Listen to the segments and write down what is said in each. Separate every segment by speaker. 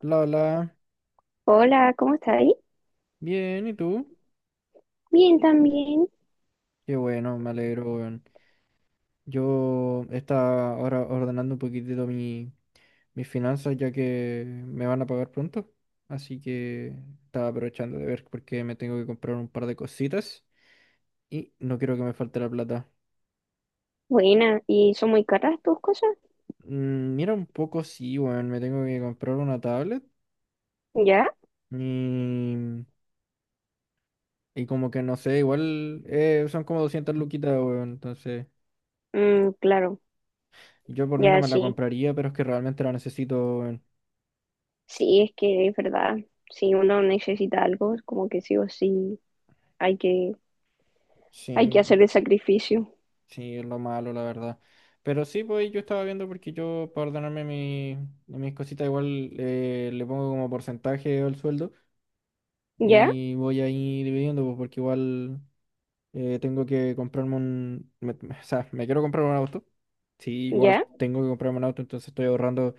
Speaker 1: La, la,
Speaker 2: Hola, ¿cómo estás ahí?
Speaker 1: bien, ¿y tú?
Speaker 2: Bien, también.
Speaker 1: Qué bueno, me alegro, weón. Yo estaba ahora ordenando un poquitito mis finanzas ya que me van a pagar pronto. Así que estaba aprovechando de ver porque me tengo que comprar un par de cositas y no quiero que me falte la plata.
Speaker 2: Buena, ¿y son muy caras tus cosas?
Speaker 1: Mm, mira un poco, sí, weón, me tengo que comprar una tablet
Speaker 2: ¿Ya?
Speaker 1: y, y como que no sé, igual son como 200 luquitas, weón, entonces
Speaker 2: Claro,
Speaker 1: yo por mí no
Speaker 2: ya
Speaker 1: me la
Speaker 2: sí.
Speaker 1: compraría, pero es que realmente la necesito, weón.
Speaker 2: Sí, es que es verdad. Si uno necesita algo, es como que sí o sí hay que, hay que
Speaker 1: Sí,
Speaker 2: hacer el sacrificio.
Speaker 1: sí, es lo malo, la verdad. Pero sí, pues yo estaba viendo porque yo, para ordenarme mis cositas, igual le pongo como porcentaje al sueldo
Speaker 2: ¿Ya?
Speaker 1: y voy ahí dividiendo, pues, porque igual tengo que comprarme un... o sea, me quiero comprar un auto. Sí,
Speaker 2: ¿Ya?
Speaker 1: igual tengo que comprarme un auto, entonces estoy ahorrando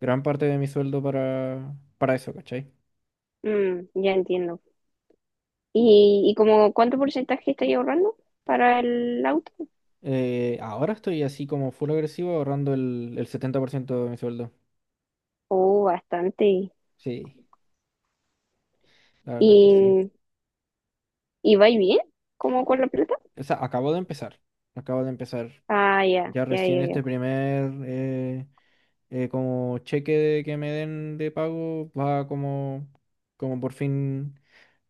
Speaker 1: gran parte de mi sueldo para eso, ¿cachai?
Speaker 2: Mm, ya entiendo. ¿Y como cuánto porcentaje estáis ahorrando para el auto?
Speaker 1: Ahora estoy así como full agresivo ahorrando el 70% de mi sueldo.
Speaker 2: Oh, bastante.
Speaker 1: Sí, la verdad es que sí.
Speaker 2: ¿Y, y vais bien? ¿Cómo con la plata?
Speaker 1: O sea, acabo de empezar. Acabo de empezar.
Speaker 2: Ah, ya,
Speaker 1: Ya
Speaker 2: ya,
Speaker 1: recién
Speaker 2: ya, ya.
Speaker 1: este primer como que me den de pago va como por fin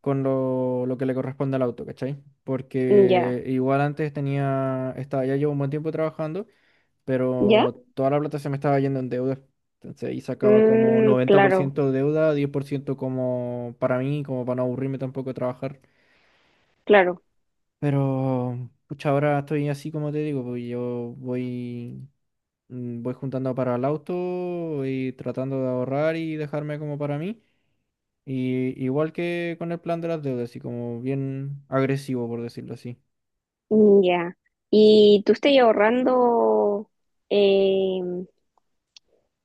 Speaker 1: con lo que le corresponde al auto, ¿cachai?
Speaker 2: Ya,
Speaker 1: Porque igual antes tenía, estaba, ya llevo un buen tiempo trabajando,
Speaker 2: ya.
Speaker 1: pero toda la plata se me estaba yendo en deuda. Entonces ahí sacaba como
Speaker 2: Mm, claro.
Speaker 1: 90% deuda, 10% como para mí, como para no aburrirme tampoco de trabajar.
Speaker 2: Claro,
Speaker 1: Pero, pucha, ahora estoy así como te digo, pues yo voy, voy juntando para el auto y tratando de ahorrar y dejarme como para mí. Y igual que con el plan de las deudas, así como bien agresivo, por decirlo así.
Speaker 2: mm, ya. ¿Y tú estás ahorrando eh,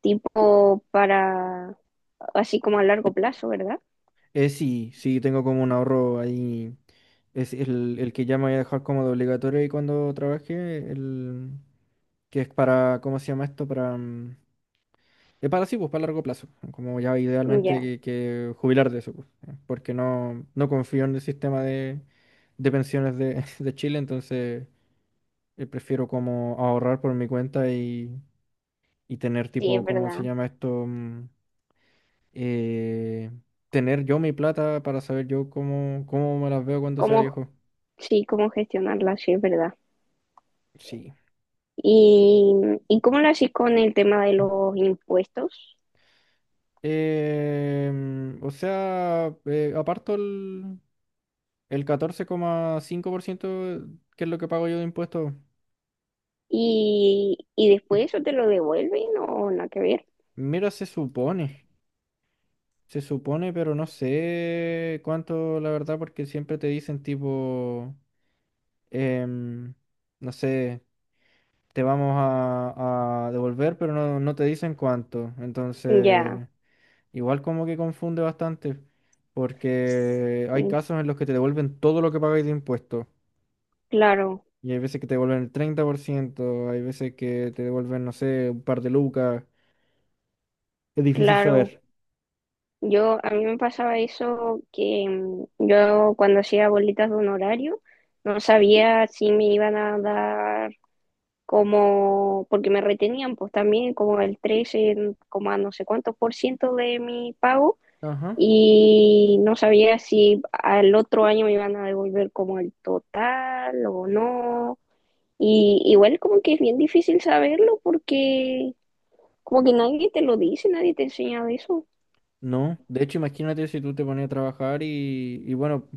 Speaker 2: tipo para, así como a largo plazo, ¿verdad?
Speaker 1: Sí, sí, tengo como un ahorro ahí. Es el que ya me voy a dejar como de obligatorio y cuando trabaje, el que es para, ¿cómo se llama esto? Para, mm, es para sí, pues para largo plazo. Como ya
Speaker 2: Mm,
Speaker 1: idealmente
Speaker 2: ya,
Speaker 1: que jubilar de eso, pues, ¿eh? Porque no confío en el sistema de pensiones de, de Chile, entonces prefiero como ahorrar por mi cuenta y tener
Speaker 2: sí, es
Speaker 1: tipo, ¿cómo se
Speaker 2: verdad.
Speaker 1: llama esto? Eh, tener yo mi plata para saber yo cómo, cómo me las veo cuando sea
Speaker 2: ¿Cómo,
Speaker 1: viejo.
Speaker 2: sí, cómo gestionarla? Sí, es verdad.
Speaker 1: Sí.
Speaker 2: ¿Y, y cómo lo haces con el tema de los impuestos?
Speaker 1: O sea, aparto el 14,5% que es lo que pago yo de impuestos.
Speaker 2: ¿Y después eso te lo devuelven o nada que ver?
Speaker 1: Mira, se supone, pero no sé cuánto, la verdad, porque siempre te dicen tipo, em, no sé, te vamos a devolver, pero no te dicen cuánto.
Speaker 2: Ya,
Speaker 1: Entonces, igual como que confunde bastante, porque hay
Speaker 2: sí,
Speaker 1: casos en los que te devuelven todo lo que pagáis de impuestos.
Speaker 2: claro,
Speaker 1: Y hay veces que te devuelven el 30%, hay veces que te devuelven, no sé, un par de lucas. Es difícil
Speaker 2: claro.
Speaker 1: saber.
Speaker 2: Yo, a mí me pasaba eso que yo cuando hacía bolitas de un horario no sabía si me iban a dar como, porque me retenían pues también como el 13 en- como no sé cuántos por ciento de mi pago
Speaker 1: Ajá.
Speaker 2: y no sabía si al otro año me iban a devolver como el total o no. Y igual como que es bien difícil saberlo porque como que nadie te lo dice, nadie te enseña de eso.
Speaker 1: No, de hecho imagínate si tú te ponías a trabajar y bueno,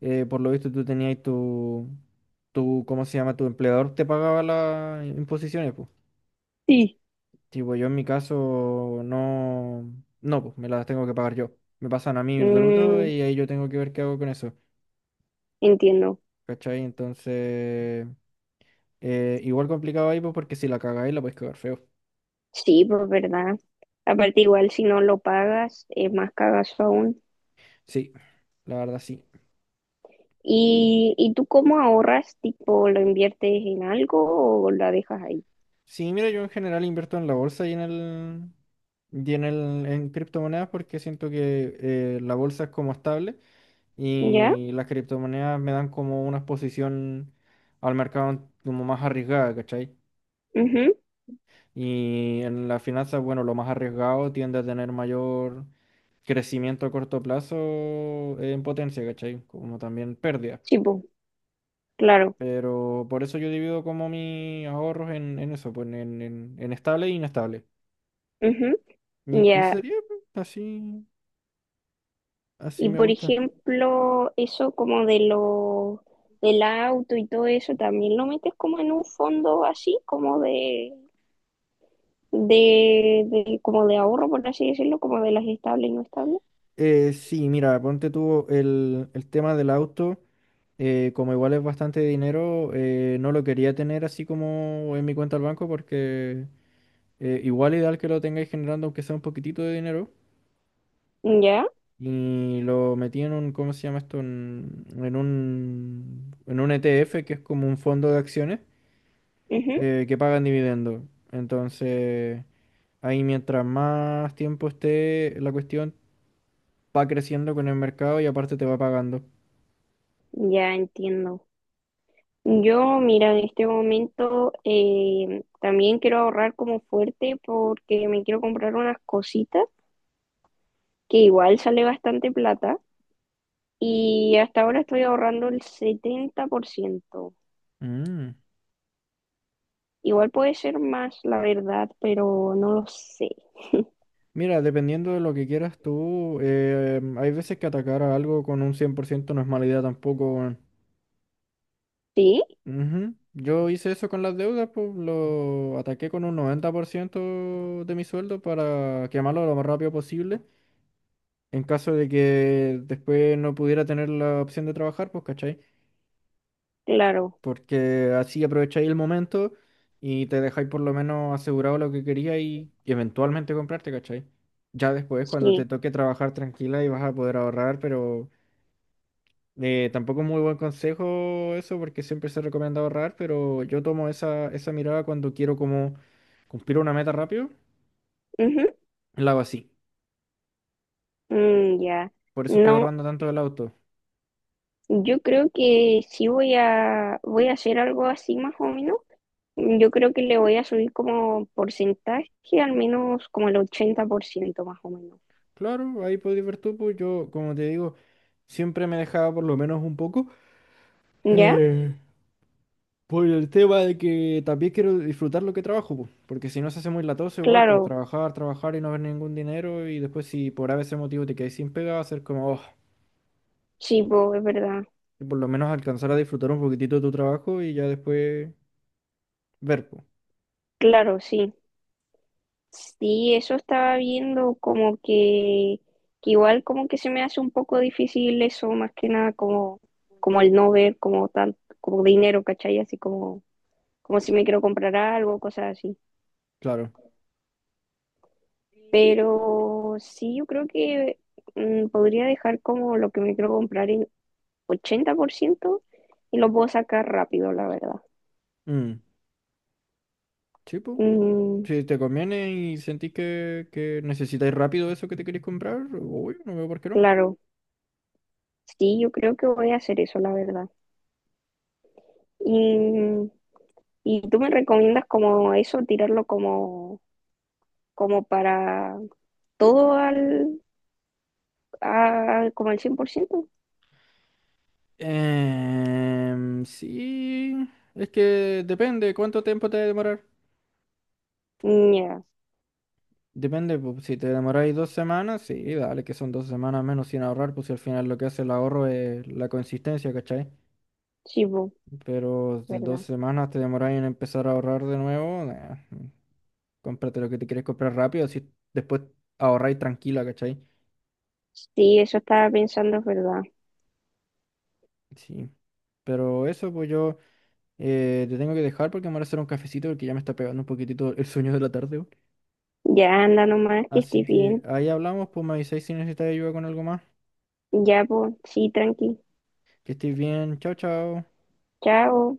Speaker 1: por lo visto tú tenías tu, ¿cómo se llama? Tu empleador te pagaba las imposiciones, pues.
Speaker 2: Sí.
Speaker 1: Tipo, yo en mi caso no, pues me las tengo que pagar yo. Me pasan a mí bruto
Speaker 2: Mm,
Speaker 1: y ahí yo tengo que ver qué hago con eso,
Speaker 2: entiendo.
Speaker 1: ¿cachai? Entonces, igual complicado ahí, pues porque si la cagáis la podéis cagar feo.
Speaker 2: Sí, pues verdad. Aparte, igual si no lo pagas, es más cagazo aún.
Speaker 1: Sí, la verdad sí.
Speaker 2: ¿Y tú cómo ahorras? ¿Tipo lo inviertes en algo o la dejas ahí?
Speaker 1: Sí, mira, yo en general invierto en la bolsa y en el en criptomonedas porque siento que la bolsa es como estable
Speaker 2: ¿Ya?
Speaker 1: y las criptomonedas me dan como una exposición al mercado como más arriesgada, ¿cachai?
Speaker 2: Ujú.
Speaker 1: Y en las finanzas, bueno, lo más arriesgado tiende a tener mayor crecimiento a corto plazo en potencia, ¿cachai? Como también pérdidas.
Speaker 2: Sí, pues, claro.
Speaker 1: Pero por eso yo divido como mis ahorros en eso, pues en estable e inestable.
Speaker 2: Ujú.
Speaker 1: Y
Speaker 2: Ya.
Speaker 1: sería pues, así, así
Speaker 2: Y
Speaker 1: me
Speaker 2: por
Speaker 1: gusta.
Speaker 2: ejemplo, eso como de lo del auto y todo eso, ¿también lo metes como en un fondo así, como de, como de ahorro, por así decirlo, como de las estables y no estables?
Speaker 1: Sí, mira, ponte tú el tema del auto, como igual es bastante dinero, no lo quería tener así como en mi cuenta al banco porque igual ideal que lo tengáis generando aunque sea un poquitito de dinero.
Speaker 2: ¿Ya?
Speaker 1: Y lo metí en un, ¿cómo se llama esto? En un ETF que es como un fondo de acciones
Speaker 2: Ujú.
Speaker 1: que pagan dividendos. Entonces... Ahí mientras más tiempo esté la cuestión, va creciendo con el mercado y aparte te va pagando.
Speaker 2: Ya entiendo. Yo, mira, en este momento también quiero ahorrar como fuerte porque me quiero comprar unas cositas que igual sale bastante plata y hasta ahora estoy ahorrando el 70%.
Speaker 1: Mm.
Speaker 2: Igual puede ser más, la verdad, pero no lo sé.
Speaker 1: Mira, dependiendo de lo que quieras tú, hay veces que atacar a algo con un 100% no es mala idea tampoco, weón.
Speaker 2: ¿Sí?
Speaker 1: Ujú. Yo hice eso con las deudas, pues lo ataqué con un 90% de mi sueldo para quemarlo lo más rápido posible. En caso de que después no pudiera tener la opción de trabajar, pues, ¿cachai?
Speaker 2: Claro,
Speaker 1: Porque así aprovecháis el momento y te dejáis por lo menos asegurado lo que queríais y eventualmente comprarte, ¿cachai? Ya después, cuando te
Speaker 2: sí.
Speaker 1: toque trabajar tranquila y vas a poder ahorrar, pero tampoco es muy buen consejo eso, porque siempre se recomienda ahorrar, pero yo tomo esa mirada cuando quiero como cumplir una meta rápido,
Speaker 2: Ujú.
Speaker 1: la hago así.
Speaker 2: Mm, ya.
Speaker 1: Por eso estoy
Speaker 2: No,
Speaker 1: ahorrando tanto del auto.
Speaker 2: yo creo que sí voy a hacer algo así más o menos. Yo creo que le voy a subir como porcentaje, al menos como el 80% más o menos.
Speaker 1: Claro, ahí podéis ver tú, pues yo, como te digo, siempre me dejaba por lo menos un poco.
Speaker 2: ¿Ya?
Speaker 1: Eh, Por el tema de que también quiero disfrutar lo que trabajo, po, porque si no se hace muy latoso igual, pues
Speaker 2: Claro,
Speaker 1: trabajar, trabajar y no ver ningún dinero y después si por a veces motivo te quedas sin pega, va a ser como, oh,
Speaker 2: sí, po, es verdad.
Speaker 1: y por lo menos alcanzar a disfrutar un poquitito de tu trabajo y ya después ver, pues,
Speaker 2: Claro, sí. Sí, eso estaba viendo como que igual como que se me hace un poco difícil eso, más que nada como, como el no ver como tal, como dinero, ¿cachai? Así como, como si me quiero comprar algo, cosas así.
Speaker 1: claro.
Speaker 2: Pero sí, yo creo que podría dejar como lo que me quiero comprar en 80% y lo puedo sacar rápido, la verdad.
Speaker 1: Mm, sí, pues,
Speaker 2: Mm,
Speaker 1: si te conviene y sentís que necesitáis rápido eso que te queréis comprar, uy, no veo por qué no.
Speaker 2: claro, sí, yo creo que voy a hacer eso, la verdad. Y, y tú me recomiendas como eso, tirarlo como, como para todo al, como al 100%.
Speaker 1: Sí, es que depende cuánto tiempo te va a demorar.
Speaker 2: Mm, ya,
Speaker 1: Depende, pues, si te demoráis 2 semanas, sí, dale, que son 2 semanas menos sin ahorrar, pues si al final lo que hace el ahorro es la consistencia, ¿cachai?
Speaker 2: sí, po,
Speaker 1: Pero de dos
Speaker 2: verdad.
Speaker 1: semanas te demoráis en empezar a ahorrar de nuevo, nah, cómprate lo que te quieres comprar rápido, así después ahorráis tranquila, ¿cachai?
Speaker 2: Sí, eso estaba pensando, es verdad.
Speaker 1: Sí. Pero eso, pues yo te tengo que dejar porque me voy a hacer un cafecito porque ya me está pegando un poquitito el sueño de la tarde, weón.
Speaker 2: Ya anda nomás, que
Speaker 1: Así
Speaker 2: estés
Speaker 1: que
Speaker 2: bien.
Speaker 1: ahí hablamos, pues me avisáis si necesitáis ayuda con algo más.
Speaker 2: Ya, pues, sí, tranqui.
Speaker 1: Que estéis bien, chao, chao.
Speaker 2: Chao.